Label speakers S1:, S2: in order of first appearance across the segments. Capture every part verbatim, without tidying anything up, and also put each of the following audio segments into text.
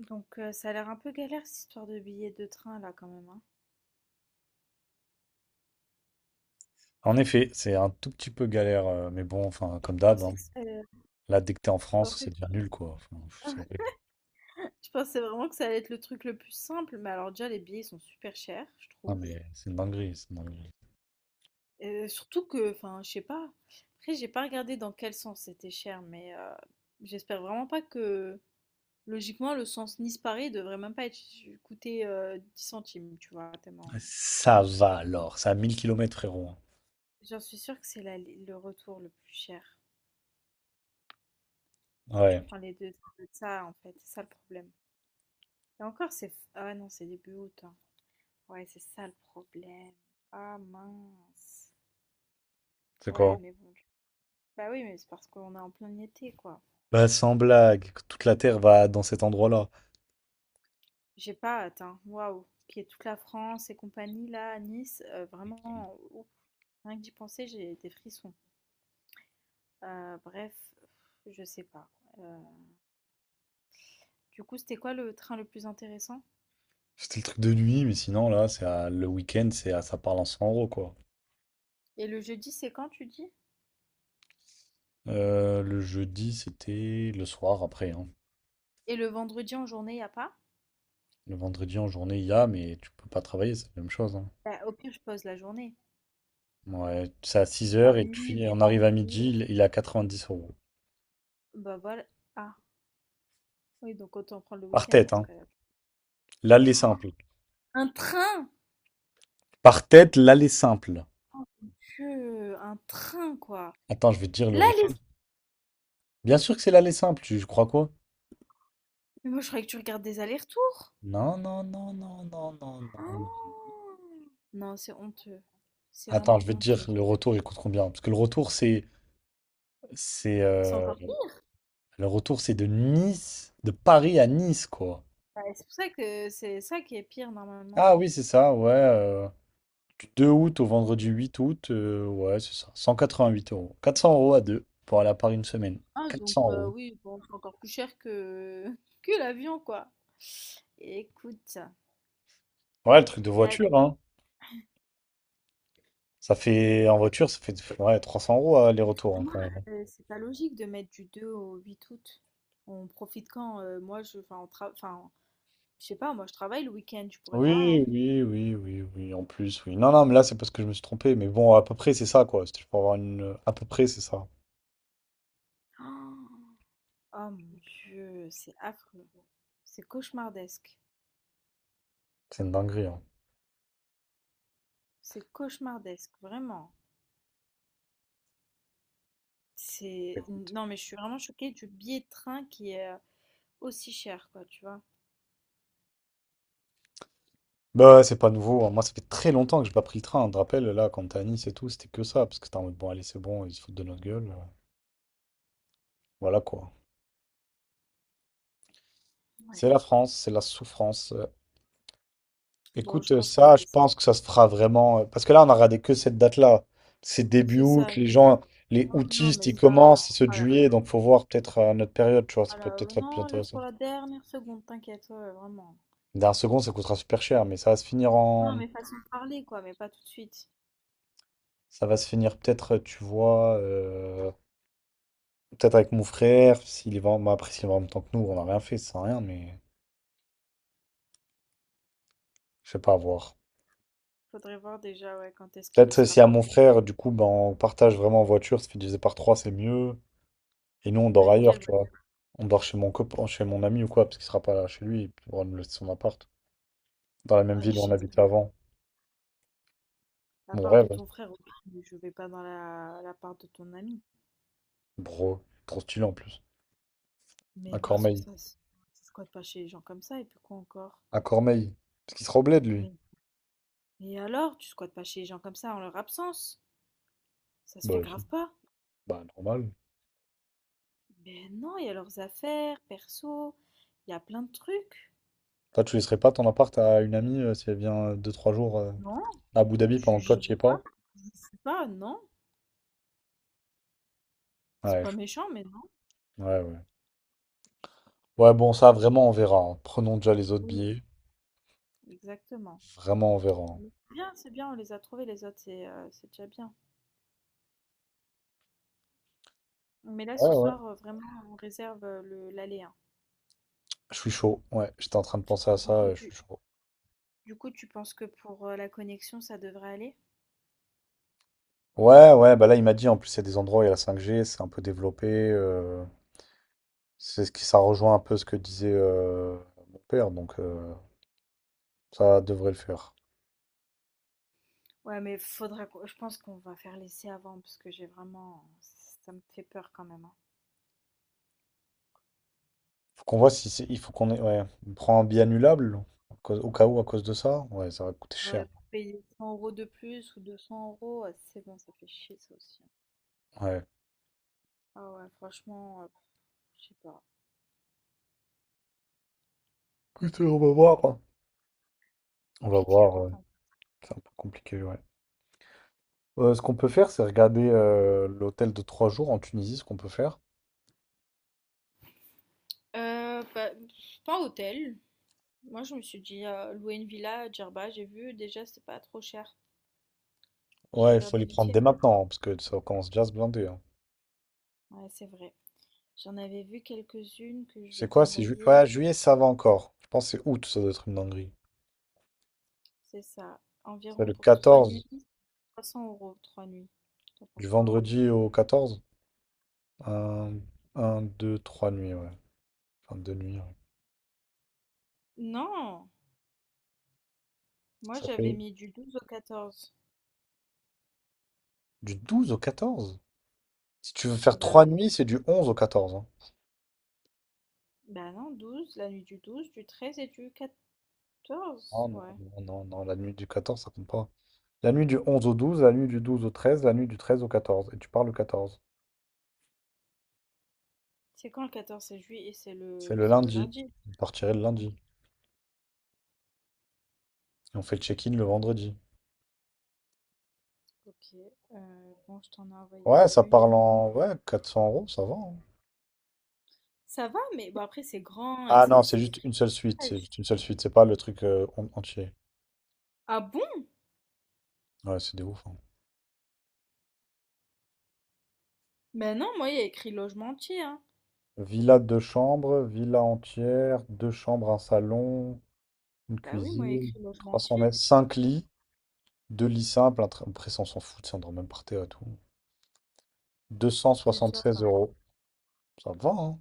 S1: Donc, heu, ça a l'air un peu galère cette histoire de billets de train là quand même, hein.
S2: En effet, c'est un tout petit peu galère, euh, mais bon, enfin, comme
S1: Je
S2: d'hab,
S1: pensais
S2: hein.
S1: que c'est
S2: Là, dès que t'es en
S1: je
S2: France,
S1: pensais
S2: c'est
S1: que
S2: déjà nul, quoi. Enfin, pff, c'est horrible.
S1: Je pensais vraiment que ça allait être le truc le plus simple, mais alors déjà les billets sont super chers, je
S2: Ah,
S1: trouve.
S2: mais c'est une dinguerie, c'est une dinguerie.
S1: Heu, surtout que, enfin, je sais pas, après j'ai pas regardé dans quel sens c'était cher, mais, heu, j'espère vraiment pas que logiquement le sens Nice-Paris devrait même pas être coûter, heu, dix centimes, tu vois? Tellement
S2: Ça va alors, c'est à mille kilomètres, frérot, hein.
S1: j'en suis sûre que c'est l'aller le retour le plus cher. Si tu
S2: Ouais,
S1: prends les deux, ça doit être ça en fait, c'est ça le problème. Et encore, c'est... f- ah ouais, non, c'est début août, hein. Ouais, c'est ça le problème. Ah mince.
S2: c'est
S1: Ouais,
S2: quoi?
S1: mais bon. du- Bah oui, mais c'est parce qu'on est en plein été, quoi.
S2: Bah, sans blague, toute la Terre va dans cet endroit-là.
S1: J'ai pas hâte, hein. Waouh. Puis toute la France et compagnie, là, à Nice, euh, vraiment, ouf. Rien que d'y penser, j'ai des frissons. Euh, bref, je sais pas. Euh, Du coup, c'était quoi le train le plus intéressant?
S2: C'était le truc de nuit, mais sinon, là, c'est à- le week-end, c'est à... ça parle en cent euros, quoi.
S1: Et le jeudi, c'est quand, tu dis?
S2: Euh, le jeudi, c'était le soir après, hein.
S1: Et le vendredi en journée, y a pas?
S2: Le vendredi en journée, il y a, mais tu peux pas travailler, c'est la même chose, hein.
S1: Bah, au pire, je pose la journée.
S2: Ouais, c'est à six
S1: On
S2: heures et
S1: arrive,
S2: puis
S1: on
S2: on arrive à
S1: profite.
S2: midi, il, il est à dix euros.
S1: Bah voilà. Ah. Oui, donc autant prendre le
S2: Par
S1: week-end
S2: tête,
S1: dans ce
S2: hein.
S1: cas-là.
S2: L'aller simple.
S1: Un train!
S2: Par tête, l'aller simple.
S1: Mon Dieu, un train, quoi.
S2: Attends, je vais te dire le
S1: Là, les.
S2: retour. Bien sûr que c'est l'aller simple, tu crois quoi?
S1: Mais moi, je croyais que tu regardes des allers-retours.
S2: Non, non, non, non, non, non, non. Non.
S1: Oh. Non, c'est honteux. C'est
S2: Attends, je
S1: vraiment
S2: vais te dire
S1: honteux.
S2: le retour, il coûte combien? Parce que le retour, c'est, c'est,
S1: C'est
S2: euh,
S1: encore pire.
S2: le retour, c'est de Nice, de Paris à Nice, quoi.
S1: Ouais, c'est pour ça que c'est ça qui est pire, normalement.
S2: Ah oui, c'est ça, ouais. euh, du deux août au vendredi huit août, euh, ouais, c'est ça. Cent quatre-vingt-huit euros. Quatre cents euros à deux pour aller à Paris une semaine.
S1: Ah,
S2: Quatre
S1: donc
S2: cents
S1: euh,
S2: euros.
S1: oui, bon, c'est encore plus cher que que l'avion, quoi. Écoute.
S2: Ouais, le truc de
S1: Et à-
S2: voiture, hein. Ça fait, en voiture, ça fait ouais, trois cents euros euh, aller-retour, hein,
S1: Moi,
S2: quand même.
S1: euh, c'est pas logique de mettre du deux au huit août. On profite quand? Euh, moi, je, enfin, on tra- enfin, je sais pas, moi je travaille le week-end, je pourrais pas,
S2: Oui,
S1: hein.
S2: oui, oui, oui, oui, en plus, oui. Non, non, mais là, c'est parce que je me suis trompé. Mais bon, à peu près, c'est ça, quoi. C'était pour avoir une. À peu près, c'est ça.
S1: Oh, oh mon Dieu, c'est affreux. C'est cauchemardesque.
S2: C'est une dinguerie, hein.
S1: C'est cauchemardesque, vraiment. C'est...
S2: Écoute.
S1: Non, mais je suis vraiment choquée du billet de train qui est euh, aussi cher, quoi, tu vois.
S2: Bah, ouais, c'est pas nouveau, hein. Moi, ça fait très longtemps que j'ai pas pris le train. Je te rappelle, là, quand t'es à Nice et tout, c'était que ça. Parce que t'es en mode, bon, allez, c'est bon, ils se foutent de notre gueule. euh, Voilà, quoi. C'est
S1: Ouais.
S2: la France, c'est la souffrance. euh,
S1: Bon,
S2: Écoute,
S1: je
S2: euh,
S1: pense qu'on va
S2: ça, je
S1: laisser ça.
S2: pense que ça se fera vraiment. euh, Parce que là, on a regardé que cette date-là. C'est début
S1: C'est
S2: août,
S1: ça,
S2: les
S1: c'est ça.
S2: gens, les
S1: Oh, non,
S2: aoûtistes,
S1: mais
S2: ils
S1: ça,
S2: commencent,
S1: on
S2: c'est ce
S1: fera la-
S2: juillet, donc faut voir peut-être à notre période, tu vois, ça
S1: on
S2: peut
S1: la-
S2: peut-être être plus
S1: non, laisse
S2: intéressant.
S1: pour la dernière seconde, t'inquiète, ouais, ouais, vraiment.
S2: D'un second, ça coûtera super cher, mais ça va se finir
S1: Non,
S2: en.
S1: mais façon de parler, quoi, mais pas tout de suite.
S2: Ça va se finir peut-être, euh, tu vois, euh, peut-être avec mon frère, s'il va en... bah, après, s'il va en même temps que nous, on n'a rien fait, ça sert à rien, mais je sais pas, à voir.
S1: Faudrait voir déjà, ouais, quand est-ce qu'il y
S2: Peut-être euh,
S1: sera
S2: si à
S1: pas.
S2: mon frère, du coup, ben, on partage vraiment en voiture, ça fait diviser par trois, c'est mieux. Et nous, on
S1: Mais
S2: dort
S1: avec
S2: ailleurs,
S1: quelle
S2: tu vois.
S1: voiture?
S2: On dort chez mon copain, chez mon ami ou quoi, parce qu'il sera pas là chez lui, il pourra nous laisser son appart. Dans la même
S1: Ah,
S2: ville où on
S1: jamais.
S2: habitait avant.
S1: La
S2: Mon
S1: part
S2: rêve,
S1: de ton frère, ok, mais je vais pas dans la, la part de ton ami.
S2: bro, trop stylé en plus. À
S1: Mais parce que
S2: Cormeil.
S1: ça, c'est- tu squattes pas chez les gens comme ça, et puis quoi encore?
S2: À Cormeil. Parce qu'il sera au bled, lui.
S1: Mais, mais alors, tu squattes pas chez les gens comme ça en leur absence? Ça se fait
S2: Bah, si.
S1: grave pas?
S2: Bah, normal.
S1: Mais non, il y a leurs affaires, perso, il y a plein de trucs.
S2: Toi, tu laisserais pas ton appart à une amie euh, si elle vient euh, deux trois jours euh,
S1: Non,
S2: à Abu Dhabi
S1: je
S2: pendant que toi,
S1: j'y
S2: tu y
S1: suis
S2: es
S1: pas.
S2: pas?
S1: J'y suis pas, non. C'est
S2: Ouais,
S1: pas
S2: je-
S1: méchant, mais non.
S2: ouais, ouais. Ouais, bon, ça, vraiment, on verra, hein. Prenons déjà les autres
S1: Oui,
S2: billets.
S1: exactement.
S2: Vraiment, on verra, hein.
S1: Mais c'est bien, c'est bien, on les a trouvés les autres, c'est euh, c'est déjà bien. Mais là, ce
S2: Ouais, ouais.
S1: soir, euh, vraiment, on réserve euh, le l'aller, hein.
S2: Je suis chaud. Ouais, j'étais en train de penser à
S1: Du
S2: ça,
S1: coup,
S2: euh, je
S1: tu,
S2: suis chaud.
S1: du coup, tu penses que pour euh, la connexion, ça devrait aller?
S2: Ouais, ouais, bah là, il m'a dit, en plus, il y a des endroits où il y a la cinq G, c'est un peu développé. euh, c'est ce qui, ça rejoint un peu ce que disait euh, mon père, donc euh, ça devrait le faire.
S1: Ouais, mais faudra qu'on- je pense qu'on va faire l'essai avant parce que j'ai vraiment, ça me fait peur quand même, hein.
S2: Faut qu'on voit si c'est, il faut qu'on ait, ouais, on prend un billet annulable, à cause- au cas où, à cause de ça. Ouais, ça va coûter cher.
S1: Ouais, pour payer cent euros de plus ou deux cents euros, ouais, c'est bon, ça fait chier ça aussi, hein.
S2: Ouais.
S1: Ah ouais, franchement, euh, je sais pas,
S2: Écoute, on va voir, hein. On va
S1: compliqué hein,
S2: voir, euh,
S1: quand même.
S2: c'est un peu compliqué, ouais. Euh, ce qu'on peut faire, c'est regarder euh, l'hôtel de trois jours en Tunisie, ce qu'on peut faire.
S1: Euh, bah, pff, pas hôtel. Moi, je me suis dit euh, louer une villa à Djerba, j'ai vu déjà c'est pas trop cher. J'ai
S2: Ouais, il faut
S1: regardé
S2: les
S1: vite
S2: prendre
S1: fait.
S2: dès maintenant, parce que ça commence déjà à se blinder, hein.
S1: Ouais, c'est vrai. J'en avais vu quelques-unes que je vais
S2: C'est quoi? C'est ju-
S1: t'envoyer.
S2: ouais, juillet, ça va encore. Je pense que c'est août, ça doit être une dinguerie.
S1: C'est ça.
S2: C'est
S1: Environ
S2: le
S1: pour trois nuits,
S2: quatorze,
S1: trois cents euros, trois nuits. T'en
S2: du
S1: penses quoi?
S2: vendredi au quatorze. Un, deux, trois nuits, ouais. Enfin, deux nuits, ouais.
S1: Non! Moi,
S2: Ça
S1: j'avais
S2: fait
S1: mis du douze au quatorze.
S2: du douze au quatorze. Si tu veux faire
S1: Bah
S2: trois
S1: oui.
S2: nuits, c'est du onze au quatorze, hein.
S1: Bah non, douze, la nuit du douze, du treize et du
S2: Oh
S1: quatorze.
S2: non,
S1: Ouais.
S2: non, non, non, la nuit du quatorze ça compte pas. La nuit du onze au douze, la nuit du douze au treize, la nuit du treize au quatorze, et tu pars le quatorze.
S1: C'est quand le quatorze? C'est juillet et c'est
S2: C'est
S1: le,
S2: le
S1: c'est le
S2: lundi.
S1: lundi.
S2: Vous partirez le
S1: Ok.
S2: lundi. Et on fait le check-in le vendredi.
S1: Ok. Euh, bon, je t'en ai
S2: Ouais,
S1: envoyé
S2: ça parle
S1: une.
S2: en... ouais, quatre cents euros, ça va, hein.
S1: Ça va, mais bon, après, c'est grand et
S2: Ah non,
S1: c'est
S2: c'est
S1: c'est des
S2: juste une seule suite. C'est
S1: fricages.
S2: juste une seule suite. C'est pas le truc euh, en- entier.
S1: Ah bon?
S2: Ouais, c'est des ouf, hein.
S1: Bah non, moi, il y a écrit logement entier, hein.
S2: Villa deux chambres, villa entière, deux chambres, un salon, une
S1: Bah oui, moi, il y a
S2: cuisine,
S1: écrit logement
S2: trois cents
S1: entier.
S2: mètres, cinq lits, deux lits simples. un tra- Après, ça, on s'en fout, ça, on dort même par terre et tout. 276
S1: Oui, ça.
S2: euros. Ça va, hein.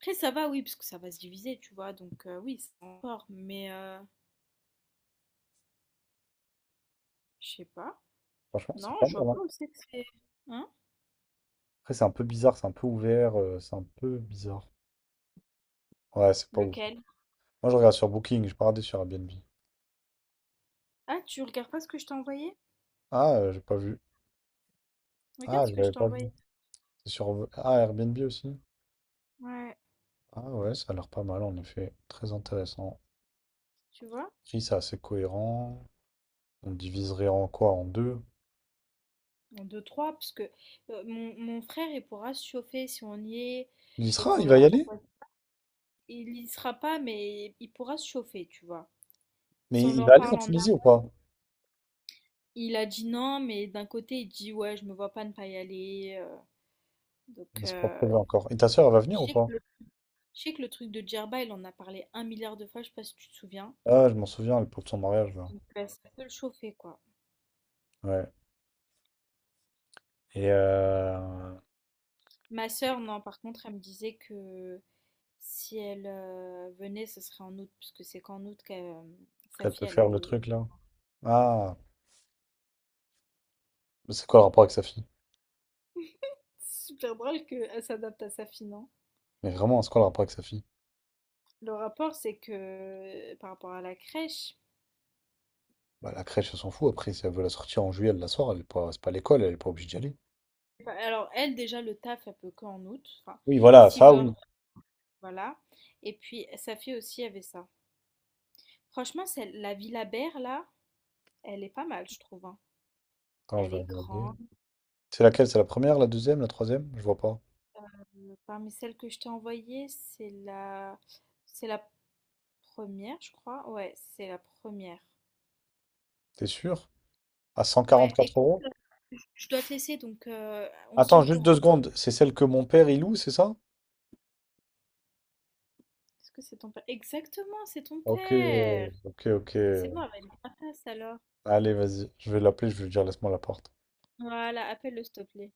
S1: Après, ça va, oui, parce que ça va se diviser, tu vois. Donc, euh, oui, c'est encore. Mais, euh, je sais pas.
S2: Franchement, c'est
S1: Non,
S2: pas
S1: je vois
S2: mal, hein.
S1: pas où c'est que c'est. Hein?
S2: Après, c'est un peu bizarre, c'est un peu ouvert, euh, c'est un peu bizarre. Ouais, c'est pas ouf.
S1: Lequel?
S2: Moi, je regarde sur Booking, je pas regardé sur Airbnb.
S1: Ah, tu regardes pas ce que je t'ai envoyé?
S2: Ah, euh, j'ai pas vu.
S1: Regarde
S2: Ah,
S1: ce
S2: je
S1: que
S2: l'avais
S1: je t'ai
S2: pas vu.
S1: envoyé.
S2: C'est sur euh, ah, Airbnb aussi.
S1: Ouais,
S2: Ah ouais, ça a l'air pas mal en effet. Très intéressant.
S1: tu vois?
S2: Après, c'est assez cohérent. On le diviserait en quoi? En deux?
S1: En deux, trois, parce que euh, mon, mon frère, il pourra se chauffer si on y est
S2: Il y
S1: et
S2: sera,
S1: qu'on
S2: il va
S1: leur
S2: y aller?
S1: propose. Il y sera pas, mais il pourra se chauffer, tu vois. Si
S2: Mais
S1: on lui
S2: il
S1: en
S2: va aller en
S1: parle en amont.
S2: Tunisie ou pas?
S1: Il a dit non, mais d'un côté, il dit ouais, je me vois pas ne pas y aller, euh, donc,
S2: C'est pas
S1: euh,
S2: prévu encore. Et ta soeur, elle va
S1: je
S2: venir ou
S1: sais
S2: pas?
S1: que je sais que le truc de Djerba, il en a parlé un milliard de fois, je sais pas si tu te souviens.
S2: Ah, je m'en souviens, elle pour son mariage là.
S1: Donc euh, ça peut le chauffer, quoi.
S2: Ouais. Et euh,
S1: Ma sœur, non, par contre, elle me disait que si elle euh, venait, ce serait en août, puisque c'est qu'en août que sa
S2: qu'elle peut
S1: fille, elle a
S2: faire le
S1: des...
S2: truc là? Ah, mais c'est quoi le rapport avec sa fille?
S1: C'est super drôle qu'elle s'adapte à sa fille, non?
S2: Mais vraiment, c'est quoi le rapport avec sa fille?
S1: Le rapport, c'est que euh, par rapport à la crèche,
S2: Bah, la crèche, elle s'en fout. Après, si elle veut la sortir en juillet, elle la sort. Elle est pas, c'est pas l'école, elle est pas obligée d'y aller.
S1: enfin, alors elle, déjà, le taf, elle peut qu'en août, enfin,
S2: Oui, voilà,
S1: si
S2: ça
S1: le...
S2: oui.
S1: Voilà. Et puis, sa fille aussi avait ça. Franchement, celle- la Villa Berre, là, elle est pas mal, je trouve, hein.
S2: Attends, je
S1: Elle
S2: vais
S1: est
S2: regarder.
S1: grande.
S2: C'est laquelle? C'est la première, la deuxième, la troisième? Je vois pas.
S1: Euh, Parmi celles que je t'ai envoyées, c'est la... c'est la première, je crois. Ouais, c'est la première.
S2: T'es sûr? À
S1: Ouais,
S2: 144
S1: écoute,
S2: euros?
S1: je dois te laisser, donc euh, on se
S2: Attends,
S1: tient au
S2: juste deux
S1: courant.
S2: secondes. C'est celle que mon père il loue, c'est ça?
S1: Est-ce que c'est ton père? Exactement, c'est ton
S2: Ok,
S1: père.
S2: ok, ok.
S1: Mais c'est bon, elle va être grâce alors.
S2: Allez, vas-y. Je vais l'appeler, je vais lui dire laisse-moi la porte.
S1: Voilà, appelle-le s'il te plaît.